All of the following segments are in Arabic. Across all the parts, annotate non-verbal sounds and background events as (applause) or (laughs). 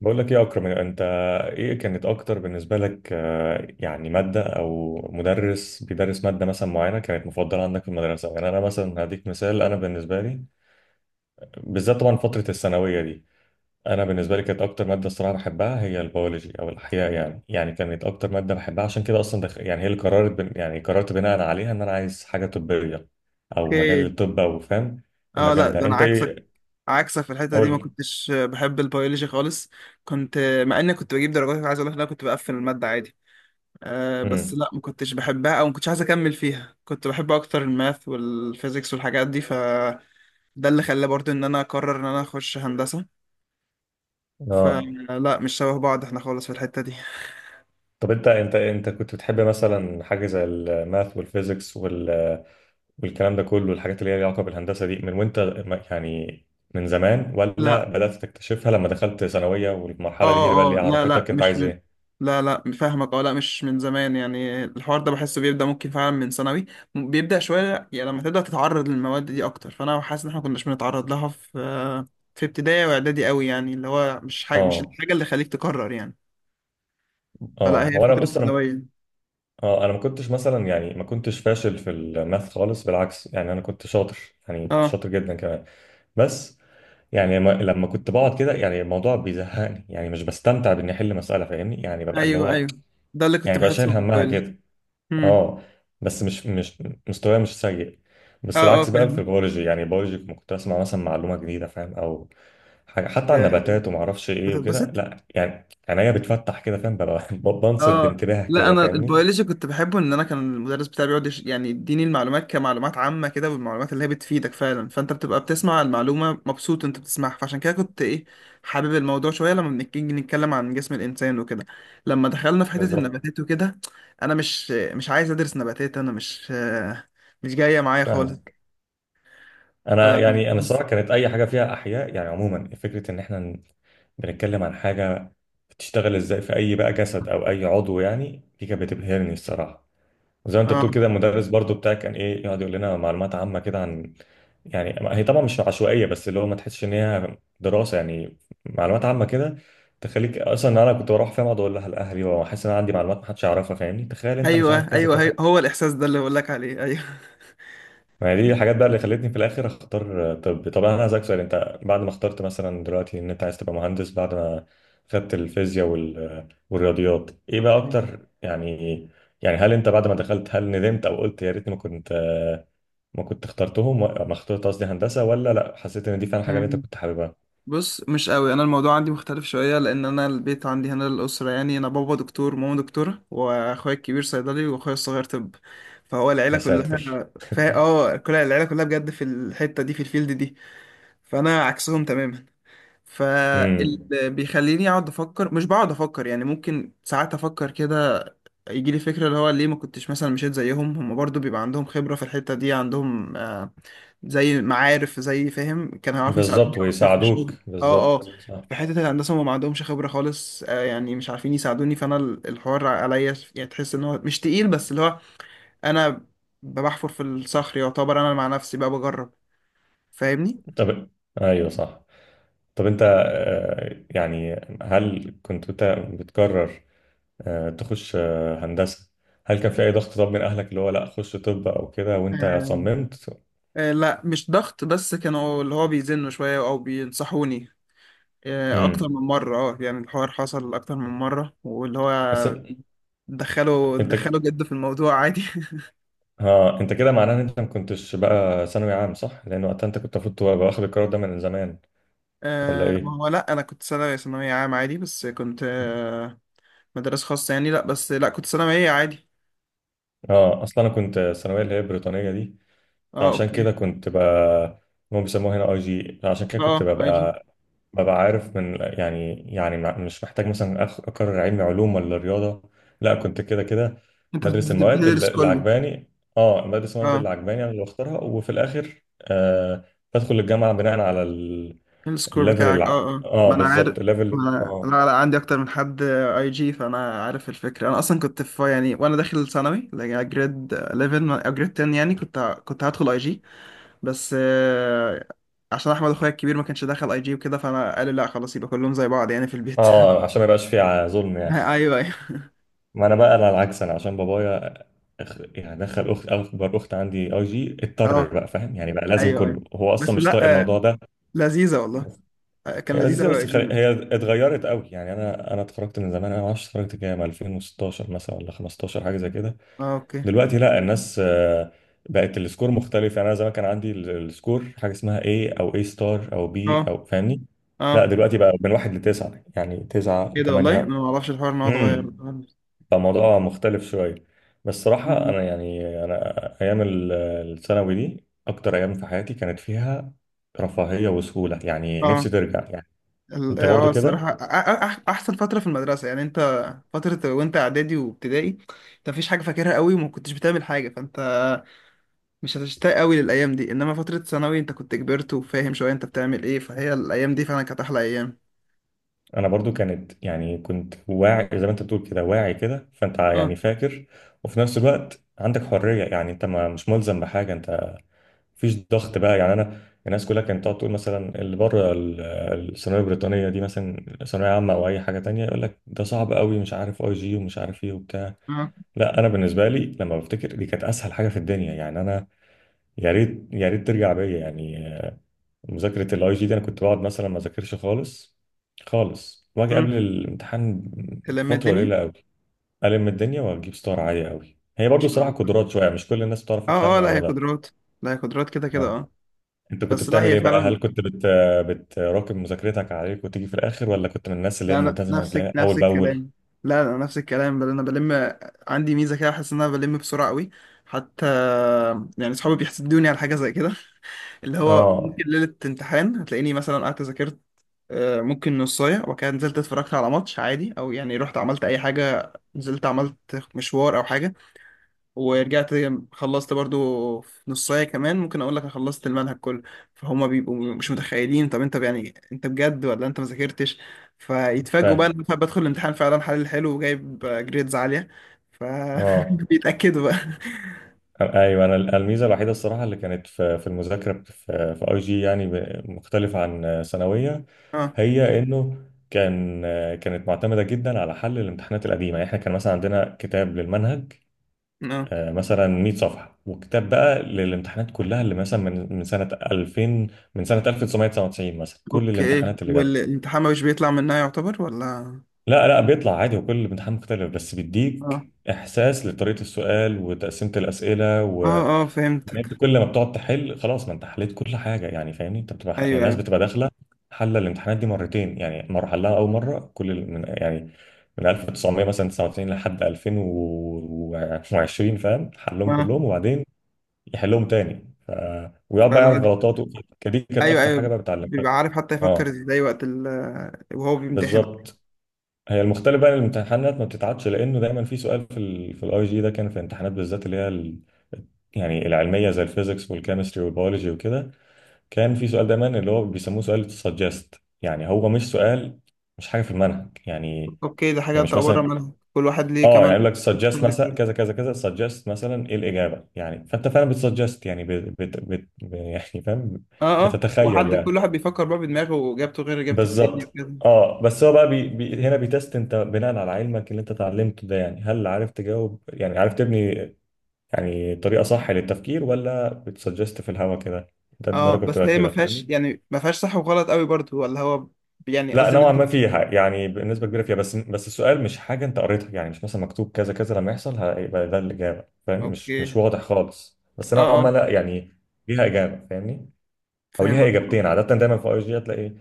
بقول لك ايه يا اكرم انت؟ ايه كانت اكتر بالنسبه لك، يعني ماده او مدرس بيدرس ماده مثلا معينه كانت مفضله عندك في المدرسه؟ يعني انا مثلا هديك مثال، انا بالنسبه لي بالذات طبعا فتره الثانويه دي، انا بالنسبه لي كانت اكتر ماده الصراحه بحبها هي البيولوجي او الاحياء. يعني كانت اكتر ماده بحبها، عشان كده اصلا يعني هي اللي قررت يعني قررت بناء عليها ان انا عايز حاجه طبيه او مجال اوكي، الطب، او فاهم اه، لا المجال ده ده انا انت؟ عكسك، ايه؟ عكسك في الحته دي، ما قول. كنتش بحب البيولوجي خالص. كنت مع اني كنت بجيب درجات، عايز اقول لك إن انا كنت بقفل الماده عادي. بس امم لا، ما كنتش بحبها او ما كنتش عايز اكمل فيها. كنت بحب اكتر الماث والفيزيكس والحاجات دي، فده اللي خلى برضو ان انا اقرر ان انا اخش هندسه. اه، فلا، مش شبه بعض احنا خالص في الحته دي. طب انت انت كنت بتحب مثلا حاجه زي الماث والفيزيكس والكلام ده كله، الحاجات اللي هي ليها علاقه بالهندسه دي، من وانت يعني من زمان، لا، ولا بدات تكتشفها لما دخلت ثانويه والمرحله دي هي اللي بقى اه اللي اه، لا لا، عرفتك انت مش عايز من ايه؟ لا لا، فاهمك. اه، لا، مش من زمان، يعني الحوار ده بحسه بيبدأ ممكن فعلا من ثانوي. بيبدأ شوية، يعني لما تبدأ تتعرض للمواد دي أكتر. فأنا حاسس إن احنا كناش بنتعرض لها في ابتدائي وإعدادي قوي، يعني اللي هو مش اه الحاجة اللي خليك تكرر، يعني. فلا، اه، هي هو انا فترة بص، انا ثانوية. اه انا ما كنتش مثلا يعني ما كنتش فاشل في الماث خالص، بالعكس يعني انا كنت شاطر، يعني كنت اه، شاطر جدا كمان. بس يعني لما كنت بقعد كده، يعني الموضوع بيزهقني، يعني مش بستمتع باني احل مساله، فاهمني؟ يعني ببقى اللي أيوه هو أيوه، ده اللي كنت يعني بقى بحسه شايل من همها موبايل. كده. امم اه، بس مش مستواي مش سيء. اه بس اه، العكس بقى في فاهمك. البيولوجي، يعني البيولوجي كنت اسمع مثلا معلومه جديده فاهم، او حاجه حتى عن آه، النباتات وما اعرفش ايه وكده، بتتبسط. لا يعني عينيا بتفتح كده فاهم، ببقى (laughs) بنصت اه، بانتباه لا، كده انا فاهمني. البيولوجي كنت بحبه، ان انا كان المدرس بتاعي بيقعد يعني يديني المعلومات كمعلومات عامه كده، والمعلومات اللي هي بتفيدك فعلا، فانت بتبقى بتسمع المعلومه مبسوط انت بتسمعها، فعشان كده كنت ايه، حابب الموضوع شويه. لما بنيجي نتكلم عن جسم الانسان وكده. لما دخلنا في حته بالظبط. النباتات وكده، انا مش عايز ادرس نباتات، انا مش جايه معايا خالص. فاهمك. ف انا يعني انا بس. الصراحه كانت اي حاجه فيها احياء يعني عموما، فكره ان احنا بنتكلم عن حاجه بتشتغل ازاي في اي بقى جسد او اي عضو، يعني دي كانت بتبهرني الصراحه. زي ما انت اه، بتقول كده، المدرس برضو بتاعك كان ايه يقعد يقول لنا معلومات عامه كده عن، يعني هي طبعا مش عشوائيه، بس اللي هو ما تحسش ان هي دراسه، يعني معلومات عامه كده، تخليك اصلا، انا كنت بروح فيها اقعد اقول لها لاهلي، واحس ان انا عندي معلومات ما حدش يعرفها، فاهمني؟ تخيل انت مش ايوه عارف كذا ايوه، كذا. هو الاحساس ده اللي بقول لك عليه، ايوه. ما هي دي الحاجات بقى اللي خلتني في الاخر اختار طب. طب انا عايزك سؤال، انت بعد ما اخترت مثلا دلوقتي ان انت عايز تبقى مهندس، بعد ما خدت الفيزياء والرياضيات، ايه بقى (laughs) اكتر يعني، يعني هل انت بعد ما دخلت، هل ندمت او قلت يا ريتني ما كنت ما كنت اخترتهم ما اخترت قصدي هندسة، ولا لا حسيت ان دي فعلا حاجة اللي انت اوكي، كنت حاببها؟ بص، مش قوي، انا الموضوع عندي مختلف شويه لان انا البيت عندي هنا الاسره يعني، انا بابا دكتور وماما دكتوره واخويا الكبير صيدلي واخويا الصغير طب. فهو العيله يا ساتر. كلها، فا اه كل العيله كلها بجد في الحته دي، في الفيلد دي. فانا عكسهم تماما. امم فاللي بيخليني اقعد افكر، مش بقعد افكر يعني، ممكن ساعات افكر كده، يجي لي فكرة اللي هو ليه ما كنتش مثلا مشيت زيهم؟ هم برضو بيبقى عندهم خبرة في الحتة دي، عندهم آه، زي معارف، زي، فاهم، كان هيعرفوا يساعدوني بالظبط، أكتر في ويساعدوك الشغل. اه اه. بالظبط، صح. في حتة الهندسة هم ما عندهمش خبرة خالص آه، يعني مش عارفين يساعدوني، فأنا الحوار عليا يعني. تحس إن هو مش تقيل، بس اللي هو، أنا بحفر في الصخر يعتبر، أنا مع نفسي بقى بجرب. فاهمني؟ طب ايوه صح. طب انت، يعني هل كنت انت بتقرر تخش هندسة؟ هل كان في اي ضغط طب من اهلك اللي هو لا خش طب او كده وانت آه صممت؟ آه، لا، مش ضغط، بس كانوا اللي هو بيزنوا شوية أو بينصحوني اكتر امم من مره. اه، يعني الحوار حصل اكتر من مره، واللي هو بس دخلوا انت دخلوا جد في الموضوع عادي. (laughs) ها، انت كده معناه ان انت ما كنتش بقى ثانوي عام صح؟ لان وقتها انت كنت المفروض تبقى واخد القرار ده من زمان، ولا ما ايه؟ هو لا، انا كنت ثانويه عام عادي، بس كنت مدرسه خاصه يعني. لا، بس لا، كنت ثانويه عادي. اه، اصلا انا كنت الثانويه اللي هي البريطانيه دي، اه، فعشان كده اوكي. كنت ب، هم بيسموها هنا اي جي، عشان كده اه، كنت آه، اي جي. ببقى عارف من يعني، يعني مش محتاج مثلا اقرر علمي علوم ولا رياضه، لا كنت كده كده انت بدرس المواد اللي بتدرس كله. عجباني. اه، بدرس المواد اه، اللي عجباني انا اللي بختارها، وفي الاخر آه بدخل الجامعه بناء على السكور الليفل بتاعك، اه اه، اه ما انا عارف. بالظبط، ما الليفل، انا، اه. لا لا، عندي اكتر من حد اي جي، فانا عارف الفكره. انا اصلا كنت في، يعني، وانا داخل ثانوي جريد 11، جريد 10، يعني كنت هدخل اي جي. بس عشان احمد اخويا الكبير ما كانش دخل اي جي وكده، فانا قال لا، خلاص، يبقى كلهم زي بعض يعني في البيت. اه، (laughs) عشان ما يبقاش فيه ظلم يعني. ايوه ايوه. ما انا بقى انا العكس، انا عشان بابايا يعني دخل اخت، اكبر اخت عندي اي جي، اضطر اه، بقى فاهم يعني، بقى لازم ايوه ايوه. كله، هو اصلا بس مش طايق لا، الموضوع ده. لذيذه والله. كان هي لذيذ لذيذه قوي اي بس جي. هي اتغيرت قوي يعني، انا اتخرجت من زمان، انا ما اعرفش اتخرجت كام، 2016 مثلا ولا 15، حاجه زي كده. اه، اوكي. دلوقتي لا الناس بقت السكور مختلف، يعني انا زمان كان عندي السكور حاجه اسمها A او A ستار او B، اه او فاهمني. لا اه، دلوقتي بقى من واحد لتسعه، يعني تسعه ايه ده، والله انا وثمانيه، ما اعرفش الحوار ان هو اتغير خالص. فالموضوع مختلف شوية. بس صراحة مم. أنا يعني، أنا أيام الثانوي دي، أكتر أيام في حياتي كانت فيها رفاهية وسهولة، يعني نفسي اه، ترجع يعني. أنت برضو كده؟ الصراحه احسن فتره في المدرسه يعني، انت فتره وانت اعدادي وابتدائي انت مفيش حاجه فاكرها قوي، وما كنتش بتعمل حاجه، فانت مش هتشتاق قوي للايام دي، انما فتره ثانوي انت كنت كبرت وفاهم شويه انت بتعمل ايه، فهي الايام دي فعلا كانت احلى ايام. أنا برضو كانت، يعني كنت واعي زي ما أنت بتقول كده، واعي كده، فأنت اه يعني فاكر. وفي نفس الوقت عندك حرية، يعني أنت ما مش ملزم بحاجة، أنت مفيش ضغط بقى، يعني أنا الناس كلها كانت تقعد تقول مثلا اللي بره الثانويه البريطانيه دي مثلا ثانويه عامه او اي حاجه تانية، يقول لك ده صعب قوي مش عارف اي جي ومش عارف ايه وبتاع. اه. لا انا بالنسبه لي لما بفتكر، دي كانت اسهل حاجه في الدنيا يعني، انا يا ريت يا ريت ترجع بيا يعني. مذاكره الاي جي دي، انا كنت بقعد مثلا ما اذاكرش خالص خالص، واجي امم قبل الامتحان لما فتره قليله الدنيا، قوي، الم الدنيا واجيب ستار عاليه قوي. هي برضو ماشي صراحه معاك. قدرات شويه، مش كل الناس بتعرف بتاع اه اه، لا، الموضوع هي ده. قدرات، لا، هي قدرات كده كده. اه. اه، انت كنت بس لا، بتعمل هي ايه بقى، هل فعلا. كنت بتراكم مذاكرتك عليك وتيجي في الاخر، ولا كنت من الناس اللي هي لا، انا الملتزمه نفس بتلاقيها نفس اول باول؟ الكلام، لا، انا نفس الكلام، بل انا بلم، عندي ميزه كده، احس ان انا بلم بسرعه قوي حتى، يعني صحابي بيحسدوني على حاجه زي كده. (laughs) اللي هو اه ممكن ليله امتحان هتلاقيني مثلا قعدت ذاكرت ممكن نصاية، وكده نزلت اتفرجت على ماتش عادي، او يعني رحت عملت اي حاجة، نزلت عملت مشوار او حاجة، ورجعت، خلصت برضو في نصاية. كمان ممكن اقول لك أنا خلصت المنهج كله، فهم بيبقوا مش متخيلين، طب انت يعني انت بجد ولا انت ما ذاكرتش، فيتفاجئوا بقى ان فاهم. انا بدخل الامتحان فعلا حلو وجايب جريدز عالية. ف اه بيتأكدوا (laughs) بقى. ايوه، انا الميزه الوحيده الصراحه اللي كانت في المذاكره في اي جي، يعني مختلفه عن ثانويه، اه هي انه كان، كانت معتمده جدا على حل الامتحانات القديمه. يعني احنا كان مثلا عندنا كتاب للمنهج، اه، مثلا 100 صفحه، وكتاب بقى للامتحانات كلها اللي مثلا من سنه 2000، من سنه 1999 مثلا، كل اوكي، الامتحانات اللي جت. والامتحان مش بيطلع منها يعتبر ولا؟ لا لا بيطلع عادي، وكل الامتحان مختلف، بس اه بيديك احساس لطريقه السؤال وتقسيمه الاسئله. اه، اه، يعني فهمتك. انت كل ما بتقعد تحل، خلاص ما انت حليت كل حاجه يعني فاهمني، انت بتبقى يعني ايوه الناس ايوه، بتبقى داخله حل الامتحانات دي مرتين، يعني مره حلها اول مره كل من يعني من 1900 مثلا 99 لحد 2020 فاهم، حلهم اه. كلهم، وبعدين يحلهم تاني ويقعد بقى يعرف فلا، غلطاته. دي كانت ايوه اكتر حاجه ايوه، بقى بتعلمها. بيبقى عارف، حتى يفكر اه ازاي وقت وهو بيمتحن. بالظبط. هي المختلف بقى إن الامتحانات ما بتتعادش، لانه دايما في سؤال في في الاي جي ده كان في الامتحانات بالذات اللي هي يعني العلميه زي الفيزيكس والكيمستري والبيولوجي وكده، كان في سؤال دايما اللي هو بيسموه سؤال سجست، يعني هو مش سؤال، مش حاجه في المنهج يعني، اوكي، ده حاجه يعني انت مش بره مثلا، منها، كل واحد ليه اه يعني كمان يقول لك سجست يختلف. مثلا كذا كذا كذا، سجست مثلا ايه الاجابه، يعني فانت فعلا بتسجست، يعني بت يعني فاهم، اه اه، بتتخيل كل يعني. واحد بيفكر بقى بدماغه، واجابته غير اجابه التاني بالظبط. وكده. اه بس هو بقى بي هنا بيتست انت بناء على علمك اللي انت اتعلمته ده، يعني هل عارف تجاوب، يعني عارف تبني يعني طريقه صح للتفكير، ولا بتسجست في الهوا كده، انت اه، درجه بس بتبقى هي ما كده فيهاش فاهمني. يعني، ما فيهاش صح وغلط قوي برضه، ولا هو، يعني لا قصدي نوعا ان، ما فيها، يعني بنسبه كبيره فيها، بس السؤال مش حاجه انت قريتها، يعني مش مثلا مكتوب كذا كذا لما يحصل هيبقى ده الاجابه فاهم، مش اوكي، واضح خالص، بس اه نوعا ما اه، لا يعني ليها اجابه فاهمني، او ليها فاهمك. اه اجابتين. عاده دايما في اي جي هتلاقي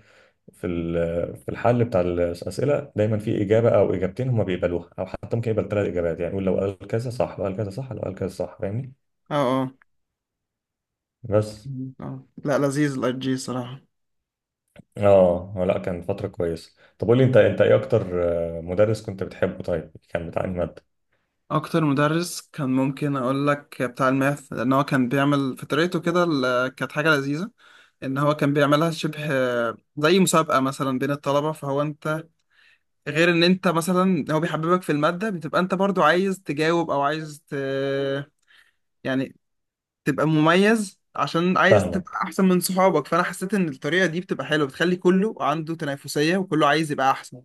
في الحل بتاع الاسئله دايما في اجابه او اجابتين هم بيقبلوها، او حتى ممكن يقبل ثلاث اجابات، يعني يقول لو قال كذا صح، لو قال كذا صح، لو قال كذا صح فاهمني. اه. بس اه، لا، لذيذ الاي جي صراحه. اه، لا كان فتره كويسه. طب قول لي انت، انت ايه اكتر مدرس كنت بتحبه؟ طيب كان بتاع أنهي ماده؟ اكتر مدرس كان ممكن اقول لك بتاع الماث، لان هو كان بيعمل في طريقته كده كانت حاجه لذيذه، ان هو كان بيعملها شبه زي مسابقه مثلا بين الطلبه، فهو انت، غير ان انت مثلا هو بيحببك في الماده، بتبقى انت برضو عايز تجاوب او عايز يعني تبقى مميز، عشان عايز تبقى فاهمك، احسن من صحابك، فانا حسيت ان الطريقه دي بتبقى حلوه، بتخلي كله عنده تنافسيه وكله عايز يبقى احسن.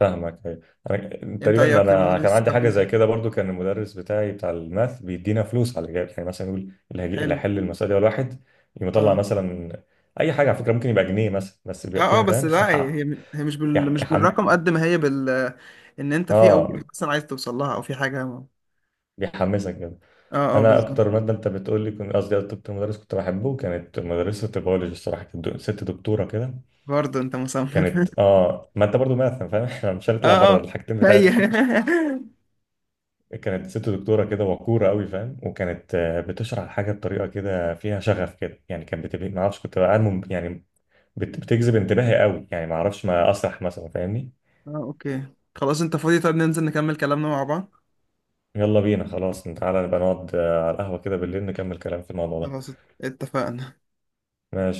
فاهمك، أيوة. انا انت ايه تقريبا اكتر انا كان مدرس عندي حاجه حبيته؟ زي كده برضو، كان المدرس بتاعي بتاع الماث بيدينا فلوس على الاجابه، يعني مثلا يقول اللي حلو. هيحل المساله دي اول واحد يقوم يطلع، آه. مثلا اي حاجه على فكره، ممكن يبقى جنيه مثلا، بس بيبقى اه اه، فيها بس فاهم (laughs) لا، هي يح- يح- مش يحم... بالرقم قد ما هي بال، ان انت في او اه، مثلا عايز توصل لها، او في حاجه، اه. بيحمسك كده. اه، انا بالظبط. اكتر ماده انت بتقول لي، كنت قصدي اكتر مدرس كنت بحبه، كانت مدرسه البيولوجي الصراحه، كانت ست دكتوره كده، برضه انت مصمم. كانت اه، ما انت برضو ماث فاهم (laughs) احنا مش (laughs) هنطلع اه بره اه، الحاجتين هي. بتاعتنا. (laughs) كانت ست دكتورة كده وقورة قوي فاهم، وكانت بتشرح الحاجة بطريقة كده فيها شغف كده يعني، كانت بتبقى ما اعرفش، كنت بقى يعني بتجذب انتباهي قوي يعني، ما اعرفش، ما اسرح مثلا، فاهمني؟ اه، اوكي، خلاص، انت فاضي، طب ننزل نكمل كلامنا مع بعض. يلا بينا خلاص، تعالى نبقى نقعد على القهوة كده بالليل نكمل كلام في الموضوع ده. خلاص، اتفقنا. ماشي.